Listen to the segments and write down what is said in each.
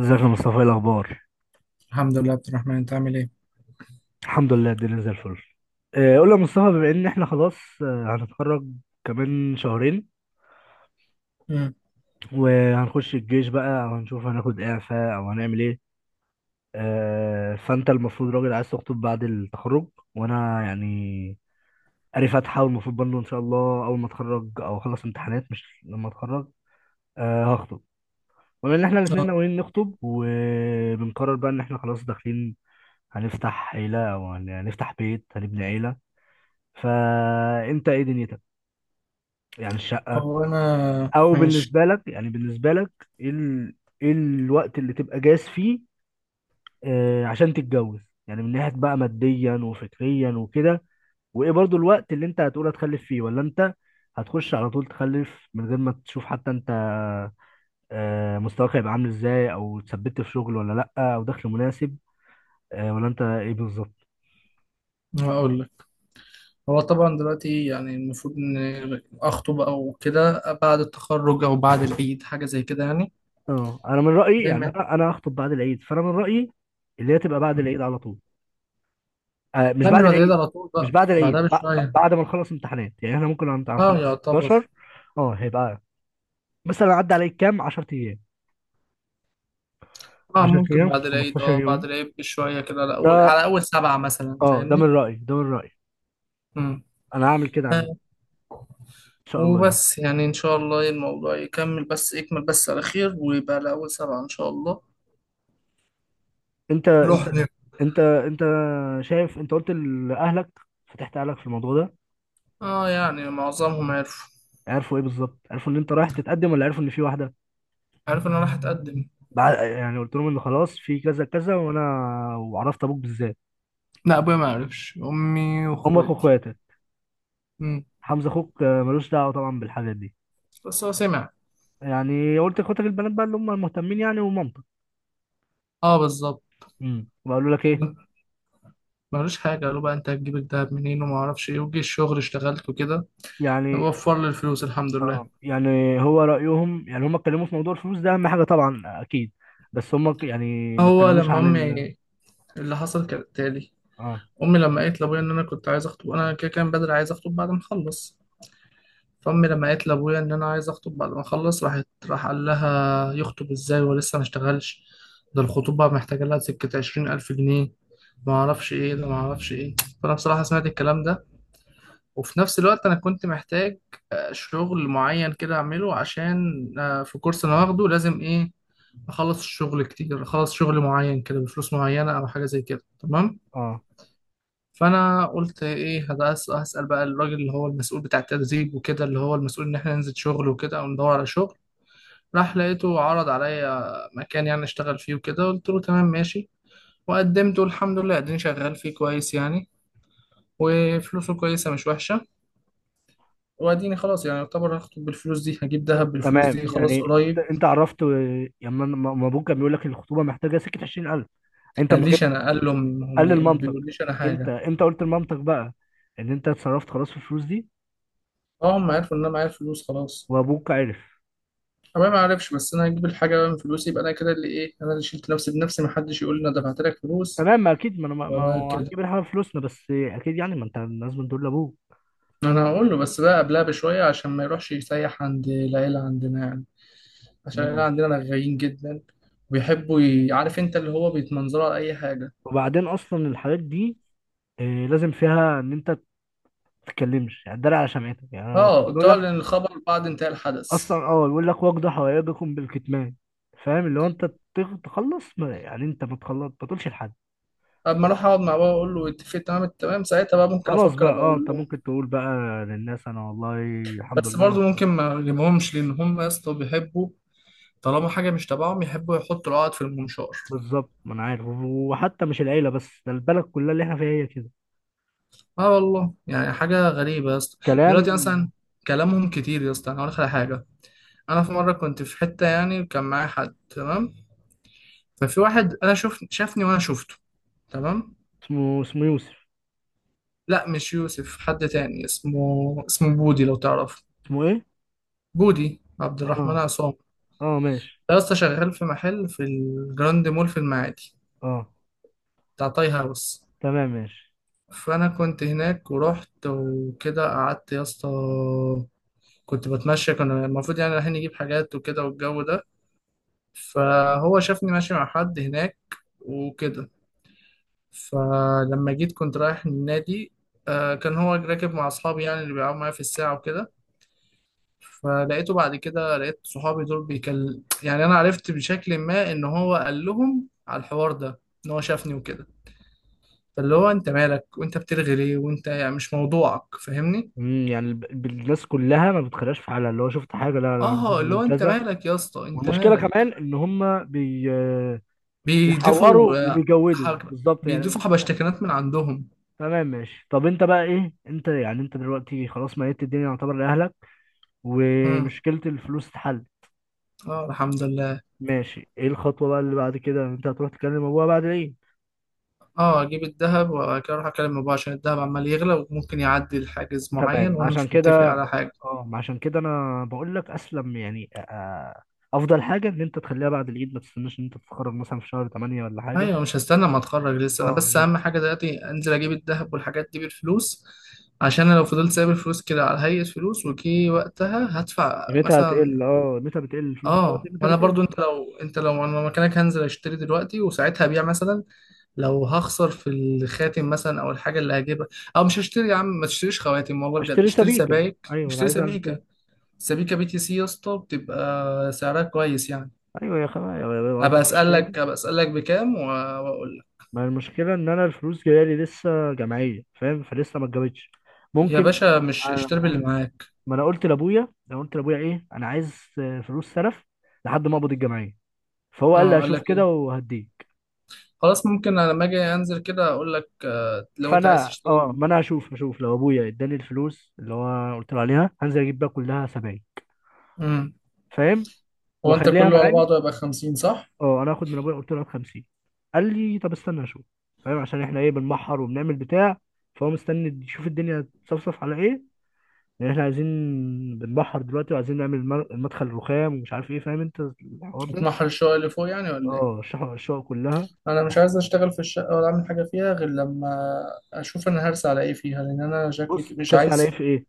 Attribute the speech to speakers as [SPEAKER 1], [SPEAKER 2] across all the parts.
[SPEAKER 1] ازيك يا مصطفى، ايه الاخبار؟
[SPEAKER 2] الحمد لله عبد الرحمن انت عامل ايه.
[SPEAKER 1] الحمد لله الدنيا زي الفل. قول لي يا مصطفى، بما ان احنا خلاص هنتخرج كمان شهرين،
[SPEAKER 2] امم
[SPEAKER 1] وهنخش الجيش بقى او هنشوف هناخد اعفاء او هنعمل ايه. فانت المفروض راجل عايز تخطب بعد التخرج، وانا يعني قاري فاتحه، والمفروض برضه ان شاء الله اول ما اتخرج او اخلص امتحانات، مش لما اتخرج هخطب. بما ان احنا الاثنين
[SPEAKER 2] اه
[SPEAKER 1] ناويين نخطب، وبنقرر بقى ان احنا خلاص داخلين هنفتح عيله، او هنفتح بيت هنبني عيله، فانت ايه دنيتك؟ يعني الشقه،
[SPEAKER 2] هو انا
[SPEAKER 1] او
[SPEAKER 2] ماشي.
[SPEAKER 1] بالنسبه لك، ايه ايه الوقت اللي تبقى جاهز فيه؟ عشان تتجوز يعني، من ناحيه بقى ماديا وفكريا وكده. وايه برضو الوقت اللي انت هتقول هتخلف فيه، ولا انت هتخش على طول تخلف من غير ما تشوف حتى انت؟ مستواك هيبقى عامل ازاي، او اتثبت في شغل ولا لا، او دخل مناسب ولا انت ايه بالظبط؟
[SPEAKER 2] هقول لك، هو طبعا دلوقتي يعني المفروض ان اخطب او كده بعد التخرج او بعد العيد حاجه زي كده يعني.
[SPEAKER 1] اه، انا من رايي،
[SPEAKER 2] زي
[SPEAKER 1] يعني
[SPEAKER 2] ما
[SPEAKER 1] انا هخطب بعد العيد، فانا من رايي اللي هي تبقى بعد
[SPEAKER 2] مم.
[SPEAKER 1] العيد على طول. مش
[SPEAKER 2] لا مش
[SPEAKER 1] بعد
[SPEAKER 2] بعد العيد
[SPEAKER 1] العيد.
[SPEAKER 2] على طول،
[SPEAKER 1] مش
[SPEAKER 2] بقى
[SPEAKER 1] بعد
[SPEAKER 2] بعدها
[SPEAKER 1] العيد
[SPEAKER 2] بشويه.
[SPEAKER 1] بعد ما نخلص امتحانات، يعني احنا ممكن
[SPEAKER 2] اه
[SPEAKER 1] هنخلص 16.
[SPEAKER 2] يعتبر.
[SPEAKER 1] اه هيبقى مثلا عدى عليك كام، 10 ايام،
[SPEAKER 2] اه
[SPEAKER 1] 10
[SPEAKER 2] ممكن
[SPEAKER 1] ايام،
[SPEAKER 2] بعد العيد،
[SPEAKER 1] 15
[SPEAKER 2] اه بعد
[SPEAKER 1] يوم
[SPEAKER 2] العيد بشويه كده، على
[SPEAKER 1] ده.
[SPEAKER 2] اول على اول سبعه مثلا،
[SPEAKER 1] اه ده
[SPEAKER 2] فاهمني؟
[SPEAKER 1] من رأيي، ده من رأيي،
[SPEAKER 2] امم
[SPEAKER 1] انا هعمل كده، عنه
[SPEAKER 2] آه،
[SPEAKER 1] ان شاء الله يعني.
[SPEAKER 2] وبس يعني ان شاء الله الموضوع يكمل، بس يكمل بس على خير، ويبقى على اول سبعه ان شاء الله.
[SPEAKER 1] انت انت
[SPEAKER 2] نروح.
[SPEAKER 1] انت شايف، انت قلت لاهلك، فتحت اهلك في الموضوع ده؟
[SPEAKER 2] اه يعني معظمهم عرفوا.
[SPEAKER 1] عرفوا ايه بالظبط؟ عرفوا ان انت رايح تتقدم، ولا عرفوا ان في واحده؟
[SPEAKER 2] عرف ان انا راح اتقدم.
[SPEAKER 1] بعد يعني قلت لهم ان خلاص في كذا كذا، وانا وعرفت ابوك بالذات؟
[SPEAKER 2] لا ابويا ما عرفش، امي
[SPEAKER 1] امك
[SPEAKER 2] واخواتي.
[SPEAKER 1] واخواتك،
[SPEAKER 2] امم
[SPEAKER 1] حمزه اخوك ملوش دعوه طبعا بالحاجات دي.
[SPEAKER 2] بس هو سمع.
[SPEAKER 1] يعني قلت اخواتك البنات بقى اللي هم المهتمين، يعني، ومامتك؟
[SPEAKER 2] اه بالظبط.
[SPEAKER 1] وقالوا لك ايه؟
[SPEAKER 2] ملوش حاجه، قالوا بقى انت هتجيب الدهب منين وما اعرفش ايه، وجي الشغل اشتغلت وكده،
[SPEAKER 1] يعني
[SPEAKER 2] وفر لي الفلوس الحمد لله.
[SPEAKER 1] اه يعني، هو رايهم يعني، هم اتكلموا في موضوع الفلوس ده اهم حاجه طبعا اكيد. بس هم يعني ما
[SPEAKER 2] هو
[SPEAKER 1] اتكلموش
[SPEAKER 2] لما
[SPEAKER 1] عن
[SPEAKER 2] امي، اللي حصل كالتالي،
[SPEAKER 1] اه.
[SPEAKER 2] امي لما قالت لابويا ان انا كنت عايز اخطب، انا كده كان بدري عايز اخطب بعد ما اخلص. فامي لما قالت لابويا ان انا عايز اخطب بعد ما اخلص، راح قال لها يخطب ازاي ولسه ما اشتغلش، ده الخطوبه محتاجه لها سكه عشرين الف جنيه، ما اعرفش ايه ده ما اعرفش ايه. فانا بصراحه سمعت الكلام ده، وفي نفس الوقت انا كنت محتاج شغل معين كده اعمله، عشان في كورس انا واخده لازم ايه اخلص الشغل كتير، اخلص شغل معين كده بفلوس معينه او حاجه زي كده، تمام.
[SPEAKER 1] اه،
[SPEAKER 2] فانا قلت ايه، هسال بقى الراجل اللي هو المسؤول بتاع التدريب وكده، اللي هو المسؤول ان احنا ننزل شغل وكده او ندور على شغل. راح لقيته عرض عليا مكان يعني اشتغل فيه وكده، قلت له تمام ماشي. وقدمته الحمد لله، اديني شغال فيه كويس يعني، وفلوسه كويسه مش وحشه. واديني خلاص يعني يعتبر هخطب بالفلوس دي، هجيب دهب بالفلوس
[SPEAKER 1] تمام،
[SPEAKER 2] دي، خلاص
[SPEAKER 1] يعني انت
[SPEAKER 2] قريب.
[SPEAKER 1] انت عرفت يعني ما ابوك كان بيقول لك الخطوبه محتاجه سكه 20,000؟ انت
[SPEAKER 2] ما
[SPEAKER 1] ما جبت؟
[SPEAKER 2] قاليش انا، قال لهم هم،
[SPEAKER 1] قال
[SPEAKER 2] ما
[SPEAKER 1] لمامتك؟
[SPEAKER 2] بيقوليش انا
[SPEAKER 1] انت
[SPEAKER 2] حاجه.
[SPEAKER 1] انت قلت لمامتك بقى ان انت اتصرفت خلاص في الفلوس دي؟
[SPEAKER 2] اه هم عرفوا ان انا معايا فلوس خلاص.
[SPEAKER 1] وابوك عرف؟
[SPEAKER 2] أنا ما أعرفش، بس أنا هجيب الحاجة بقى من فلوسي، يبقى أنا كده اللي إيه، أنا اللي شلت نفسي بنفسي، محدش يقول لي أنا دفعت لك فلوس
[SPEAKER 1] تمام، ما اكيد، ما انا ما ما
[SPEAKER 2] ولا
[SPEAKER 1] هو
[SPEAKER 2] كده.
[SPEAKER 1] هتجيب الحاجه فلوسنا، بس اكيد يعني ما انت لازم تقول لابوك.
[SPEAKER 2] أنا هقول له بس بقى قبلها بشوية، عشان ما يروحش يسيح عند العيلة عندنا يعني. عشان العيلة
[SPEAKER 1] مم.
[SPEAKER 2] عندنا رغايين جدا، وبيحبوا عارف أنت اللي هو بيتمنظروا على أي حاجة.
[SPEAKER 1] وبعدين اصلا الحالات دي لازم فيها ان انت تتكلمش، يعني تداري على شمعتك، يعني الرسول
[SPEAKER 2] أه
[SPEAKER 1] بيقول لك.
[SPEAKER 2] تعلن الخبر بعد انتهاء
[SPEAKER 1] اصلا
[SPEAKER 2] الحدث.
[SPEAKER 1] اه بيقول لك: واقضوا حوائجكم بالكتمان. فاهم؟ اللي هو انت تخلص، ما يعني انت ما تخلص ما تقولش لحد.
[SPEAKER 2] أما أروح أقعد مع بابا أقول له اتفق تمام التمام، ساعتها بقى ممكن
[SPEAKER 1] خلاص
[SPEAKER 2] أفكر
[SPEAKER 1] بقى،
[SPEAKER 2] أبقى
[SPEAKER 1] اه،
[SPEAKER 2] أقول
[SPEAKER 1] انت
[SPEAKER 2] له.
[SPEAKER 1] ممكن تقول بقى للناس: انا والله الحمد
[SPEAKER 2] بس
[SPEAKER 1] لله انا.
[SPEAKER 2] برضه ممكن ما أجيبهمش، لأن هم يا اسطى بيحبوا، طالما حاجة مش تبعهم يحبوا يحطوا العقد في المنشار.
[SPEAKER 1] بالظبط، ما انا عارف، وحتى مش العيله بس، ده البلد كلها اللي احنا فيها هي كده،
[SPEAKER 2] اه والله يعني حاجة غريبة يا اسطى.
[SPEAKER 1] كلام.
[SPEAKER 2] دلوقتي مثلا، كلامهم كتير يا اسطى، انا هقول لك على حاجة. انا في مرة كنت في حتة يعني وكان معايا حد، تمام. ففي واحد انا شوف شافني وانا شفته، تمام.
[SPEAKER 1] اسمه يوسف؟
[SPEAKER 2] لا مش يوسف، حد تاني، اسمه بودي لو تعرفه.
[SPEAKER 1] اسمه ايه؟
[SPEAKER 2] بودي عبد الرحمن
[SPEAKER 1] اه،
[SPEAKER 2] عصام.
[SPEAKER 1] اه، ماشي،
[SPEAKER 2] ده يا اسطى شغال في محل في الجراند مول في المعادي،
[SPEAKER 1] اه
[SPEAKER 2] بتاع تاي هاوس.
[SPEAKER 1] تمام ماشي.
[SPEAKER 2] فانا كنت هناك ورحت وكده قعدت يا اسطى، كنت بتمشى، كنا المفروض يعني رايحين نجيب حاجات وكده والجو ده. فهو شافني ماشي مع حد هناك وكده. فلما جيت كنت رايح النادي، كان هو راكب مع أصحابي يعني اللي بيلعبوا معايا في الساعة وكده. فلقيته بعد كده، لقيت صحابي دول بيكل، يعني أنا عرفت بشكل ما إن هو قال لهم على الحوار ده، إن هو شافني وكده. فاللي هو أنت مالك، وأنت بترغي ليه، وأنت يعني مش موضوعك، فاهمني؟
[SPEAKER 1] مم، يعني الناس كلها ما بتخلاش في حالها، اللي هو شفت حاجه، لا لا
[SPEAKER 2] آه اللي
[SPEAKER 1] هم
[SPEAKER 2] هو أنت
[SPEAKER 1] كذا.
[SPEAKER 2] مالك يا اسطى، أنت
[SPEAKER 1] والمشكله
[SPEAKER 2] مالك.
[SPEAKER 1] كمان ان هم بيحوروا
[SPEAKER 2] بيضيفوا آه،
[SPEAKER 1] وبيجودوا
[SPEAKER 2] حاجة
[SPEAKER 1] بالظبط، يعني ما
[SPEAKER 2] بيضيفوا
[SPEAKER 1] بيشوفش حاجة.
[SPEAKER 2] حبشتكنات من عندهم.
[SPEAKER 1] تمام ماشي، طب انت بقى ايه؟ انت يعني، انت دلوقتي خلاص ميت الدنيا يعتبر لاهلك،
[SPEAKER 2] امم
[SPEAKER 1] ومشكله الفلوس اتحلت.
[SPEAKER 2] اه الحمد لله.
[SPEAKER 1] ماشي، ايه الخطوه بقى اللي بعد كده؟ انت هتروح تكلم ابوها بعد ايه؟
[SPEAKER 2] اه اجيب الذهب وبعد كده اروح اكلم بابا، عشان الذهب عمال يغلى وممكن يعدي لحاجز معين
[SPEAKER 1] تمام
[SPEAKER 2] وانا
[SPEAKER 1] عشان
[SPEAKER 2] مش
[SPEAKER 1] كده.
[SPEAKER 2] متفق على حاجه.
[SPEAKER 1] اه عشان كده انا بقول لك اسلم يعني، افضل حاجه ان انت تخليها بعد العيد، ما تستناش ان انت تتخرج مثلا في شهر 8 ولا حاجه.
[SPEAKER 2] ايوه مش هستنى ما اتخرج لسه انا، بس
[SPEAKER 1] اه
[SPEAKER 2] اهم حاجه دلوقتي انزل اجيب الذهب والحاجات دي بالفلوس. عشان انا لو فضلت سايب الفلوس كده على هيئه فلوس وكي، وقتها هدفع
[SPEAKER 1] قيمتها
[SPEAKER 2] مثلا.
[SPEAKER 1] هتقل، اه قيمتها بتقل، الفلوس دلوقتي
[SPEAKER 2] اه
[SPEAKER 1] قيمتها
[SPEAKER 2] وانا
[SPEAKER 1] بتقل.
[SPEAKER 2] برضو، انت لو انا مكانك هنزل اشتري دلوقتي، وساعتها ابيع مثلا لو هخسر في الخاتم مثلا او الحاجه اللي هجيبها. او مش هشتري يا عم، ما تشتريش خواتم، والله بجد
[SPEAKER 1] اشتري
[SPEAKER 2] اشتري
[SPEAKER 1] سبيكة.
[SPEAKER 2] سبائك،
[SPEAKER 1] ايوه انا
[SPEAKER 2] اشتري
[SPEAKER 1] عايز اعمل كده.
[SPEAKER 2] سبيكه. سبيكة بي تي سي يا اسطى، بتبقى سعرها كويس يعني.
[SPEAKER 1] ايوه يا خبا يا بابا،
[SPEAKER 2] هبقى
[SPEAKER 1] 24.
[SPEAKER 2] اسالك هبقى اسالك بكام واقول لك.
[SPEAKER 1] ما المشكلة ان انا الفلوس جاية لي لسه جمعية، فاهم؟ فلسه ما اتجابتش.
[SPEAKER 2] يا
[SPEAKER 1] ممكن
[SPEAKER 2] باشا
[SPEAKER 1] آه،
[SPEAKER 2] مش اشتري باللي
[SPEAKER 1] آه،
[SPEAKER 2] معاك.
[SPEAKER 1] ما انا قلت لابويا، انا قلت لابويا ايه، انا عايز فلوس سلف لحد ما اقبض الجمعية. فهو قال لي
[SPEAKER 2] اه قال
[SPEAKER 1] هشوف
[SPEAKER 2] لك
[SPEAKER 1] كده
[SPEAKER 2] ايه.
[SPEAKER 1] وهديك.
[SPEAKER 2] خلاص ممكن انا لما اجي انزل كده اقول لك، لو انت عايز
[SPEAKER 1] فانا
[SPEAKER 2] تشتري.
[SPEAKER 1] اه، ما انا هشوف، لو ابويا اداني الفلوس اللي هو قلت له عليها، هنزل اجيب بقى كلها سبايك،
[SPEAKER 2] امم
[SPEAKER 1] فاهم،
[SPEAKER 2] هو انت
[SPEAKER 1] واخليها
[SPEAKER 2] كله على
[SPEAKER 1] معايا.
[SPEAKER 2] بعضه يبقى 50 صح؟
[SPEAKER 1] اه، انا هاخد من ابويا قلت له هات 50. قال لي طب استنى اشوف. فاهم؟ عشان احنا ايه، بنبحر وبنعمل بتاع، فهو مستني يشوف الدنيا تصفصف على ايه. لان احنا عايزين، بنبحر دلوقتي وعايزين نعمل المدخل الرخام ومش عارف ايه، فاهم انت الحوار ده؟
[SPEAKER 2] هتمحل الشقه اللي فوق يعني ولا ايه؟
[SPEAKER 1] اه، الشقق، كلها.
[SPEAKER 2] انا مش عايز اشتغل في الشقه ولا اعمل حاجه فيها، غير لما اشوف انا هرسى على ايه فيها، لان انا شكلي
[SPEAKER 1] بص،
[SPEAKER 2] مش
[SPEAKER 1] ترسى على ايه
[SPEAKER 2] عايز
[SPEAKER 1] في ايه؟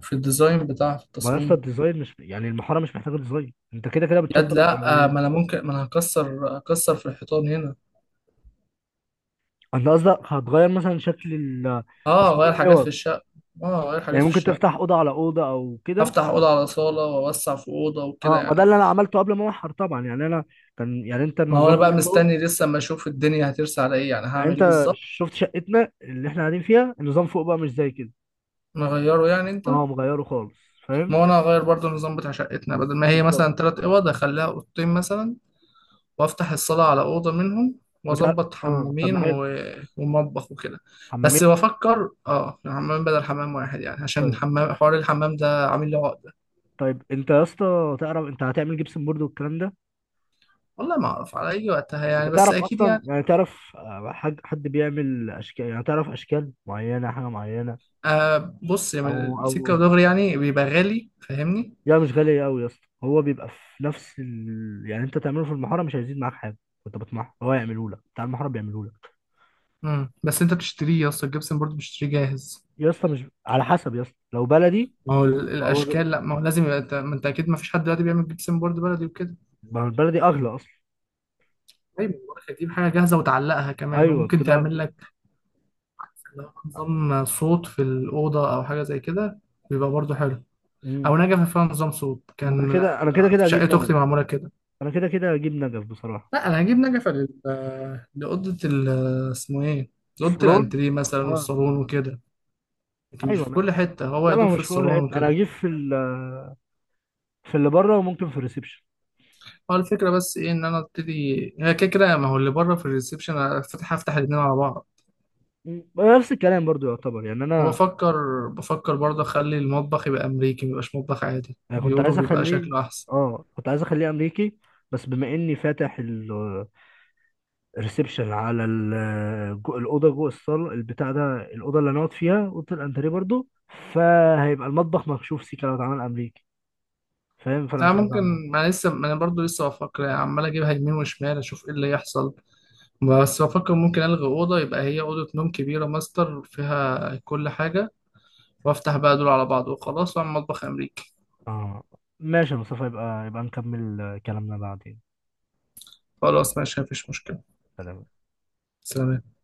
[SPEAKER 2] في الديزاين بتاع، في
[SPEAKER 1] ما يا اسطى
[SPEAKER 2] التصميم.
[SPEAKER 1] الديزاين، مش يعني المحاره مش محتاجه ديزاين، انت كده كده
[SPEAKER 2] يد
[SPEAKER 1] بتشطب
[SPEAKER 2] لا
[SPEAKER 1] الاولويات.
[SPEAKER 2] ما انا ممكن، ما انا هكسر في الحيطان هنا.
[SPEAKER 1] انت قصدك هتغير مثلا شكل
[SPEAKER 2] اه
[SPEAKER 1] تصميم
[SPEAKER 2] غير حاجات في
[SPEAKER 1] الاوض،
[SPEAKER 2] الشقة. اه غير حاجات
[SPEAKER 1] يعني
[SPEAKER 2] في
[SPEAKER 1] ممكن تفتح
[SPEAKER 2] الشقة.
[SPEAKER 1] اوضه على اوضه او كده؟
[SPEAKER 2] افتح اوضة على صالة واوسع في اوضة وكده
[SPEAKER 1] اه، ما ده
[SPEAKER 2] يعني
[SPEAKER 1] اللي انا عملته قبل ما احر طبعا، يعني انا كان يعني، انت
[SPEAKER 2] ما هو
[SPEAKER 1] النظام
[SPEAKER 2] انا بقى
[SPEAKER 1] اللي فوق.
[SPEAKER 2] مستني لسه اما اشوف الدنيا هترسى على ايه، يعني
[SPEAKER 1] يعني
[SPEAKER 2] هعمل ايه
[SPEAKER 1] انت
[SPEAKER 2] بالظبط.
[SPEAKER 1] شفت شقتنا اللي احنا قاعدين فيها النظام فوق بقى مش زي كده،
[SPEAKER 2] نغيره يعني انت.
[SPEAKER 1] اه، مغيره خالص، فاهم؟
[SPEAKER 2] ما هو انا هغير برضو النظام بتاع شقتنا، بدل ما هي
[SPEAKER 1] بالظبط،
[SPEAKER 2] مثلا تلات اوض اخليها اوضتين مثلا، وافتح الصالة على اوضة منهم،
[SPEAKER 1] بتاع،
[SPEAKER 2] واظبط
[SPEAKER 1] اه طب ما
[SPEAKER 2] حمامين
[SPEAKER 1] حلو،
[SPEAKER 2] و... ومطبخ وكده. بس
[SPEAKER 1] حمامين.
[SPEAKER 2] بفكر اه حمام بدل حمام واحد يعني، عشان
[SPEAKER 1] طيب
[SPEAKER 2] الحمام، حوار الحمام ده عامل لي عقدة.
[SPEAKER 1] طيب، انت يا اسطى تعرف انت هتعمل جبسن بورد والكلام ده؟
[SPEAKER 2] والله ما اعرف على اي وقتها
[SPEAKER 1] انت
[SPEAKER 2] يعني، بس
[SPEAKER 1] تعرف
[SPEAKER 2] اكيد
[SPEAKER 1] اصلا،
[SPEAKER 2] يعني.
[SPEAKER 1] يعني تعرف حد بيعمل اشكال، يعني تعرف اشكال معينه، حاجه معينه؟
[SPEAKER 2] آه بص يعني
[SPEAKER 1] او، او،
[SPEAKER 2] السكة ودغري يعني بيبقى غالي، فاهمني؟
[SPEAKER 1] لا مش غالية أوي يا اسطى، هو بيبقى في نفس يعني أنت تعمله في المحارة مش هيزيد معاك حاجة، وأنت بتمحر هو يعمله لك، بتاع المحارة بيعمله لك.
[SPEAKER 2] مم. بس انت بتشتريه يا اسطى الجبسن بورد بتشتريه جاهز.
[SPEAKER 1] يا اسطى مش على حسب، يا اسطى لو بلدي،
[SPEAKER 2] ما هو
[SPEAKER 1] هو
[SPEAKER 2] الاشكال، لا ما هو لازم يبقى، انت ما انت اكيد ما فيش حد دلوقتي بيعمل جبسن بورد بلدي وكده.
[SPEAKER 1] ما هو البلدي أغلى أصلا.
[SPEAKER 2] طيب بقولك هتجيب حاجة جاهزة وتعلقها كمان،
[SPEAKER 1] أيوه
[SPEAKER 2] وممكن
[SPEAKER 1] بتبقى
[SPEAKER 2] تعمل لك لو نظام صوت في الأوضة أو حاجة زي كده، بيبقى برضه حلو.
[SPEAKER 1] مم.
[SPEAKER 2] أو نجفة فيها نظام صوت
[SPEAKER 1] ما أنا
[SPEAKER 2] كان
[SPEAKER 1] كده، أنا كده كده
[SPEAKER 2] في
[SPEAKER 1] هجيب
[SPEAKER 2] شقة
[SPEAKER 1] نجف،
[SPEAKER 2] أختي معمولة كده.
[SPEAKER 1] أنا كده كده هجيب نجف بصراحة.
[SPEAKER 2] لا أنا هجيب نجفة لأوضة اسمه إيه؟ لأوضة
[SPEAKER 1] الصالون،
[SPEAKER 2] الأنتريه مثلا
[SPEAKER 1] أه،
[SPEAKER 2] والصالون وكده. لكن مش
[SPEAKER 1] أيوه
[SPEAKER 2] في
[SPEAKER 1] أنا.
[SPEAKER 2] كل حتة، هو يا
[SPEAKER 1] لا ما
[SPEAKER 2] دوب
[SPEAKER 1] هو
[SPEAKER 2] في
[SPEAKER 1] مش فوق
[SPEAKER 2] الصالون
[SPEAKER 1] حتة، أنا
[SPEAKER 2] وكده.
[SPEAKER 1] هجيب في في اللي بره وممكن في الريسبشن.
[SPEAKER 2] هو الفكرة بس ايه ان انا ابتدي، هي كده كده ما هو اللي بره في الريسبشن أنا هفتح الاتنين على بعض.
[SPEAKER 1] مم. نفس الكلام برضو يعتبر، يعني أنا،
[SPEAKER 2] وبفكر، بفكر برضه اخلي المطبخ يبقى امريكي، ميبقاش مطبخ عادي،
[SPEAKER 1] انا كنت
[SPEAKER 2] بيقولوا
[SPEAKER 1] عايز
[SPEAKER 2] بيبقى
[SPEAKER 1] اخليه،
[SPEAKER 2] شكله احسن.
[SPEAKER 1] اه كنت عايز اخليه امريكي. بس بما اني فاتح الريسبشن على الاوضه جوه الصاله البتاع ده، الاوضه اللي هنقعد فيها اوضه الانتريه برضو، فهيبقى المطبخ مكشوف سيكا لو اتعمل امريكي. فاهم؟ فانا
[SPEAKER 2] انا
[SPEAKER 1] مش عايز اعمل ده.
[SPEAKER 2] ممكن، ما انا برضه لسه بفكر يعني، عمال اجيبها يمين وشمال اشوف ايه اللي يحصل. بس بفكر ممكن الغي اوضه، يبقى هي اوضه نوم كبيره ماستر فيها كل حاجه، وافتح بقى دول على بعض وخلاص، واعمل مطبخ امريكي.
[SPEAKER 1] اه ماشي يا مصطفى، يبقى نكمل كلامنا بعدين.
[SPEAKER 2] خلاص ماشي مفيش مشكله.
[SPEAKER 1] سلام.
[SPEAKER 2] سلام.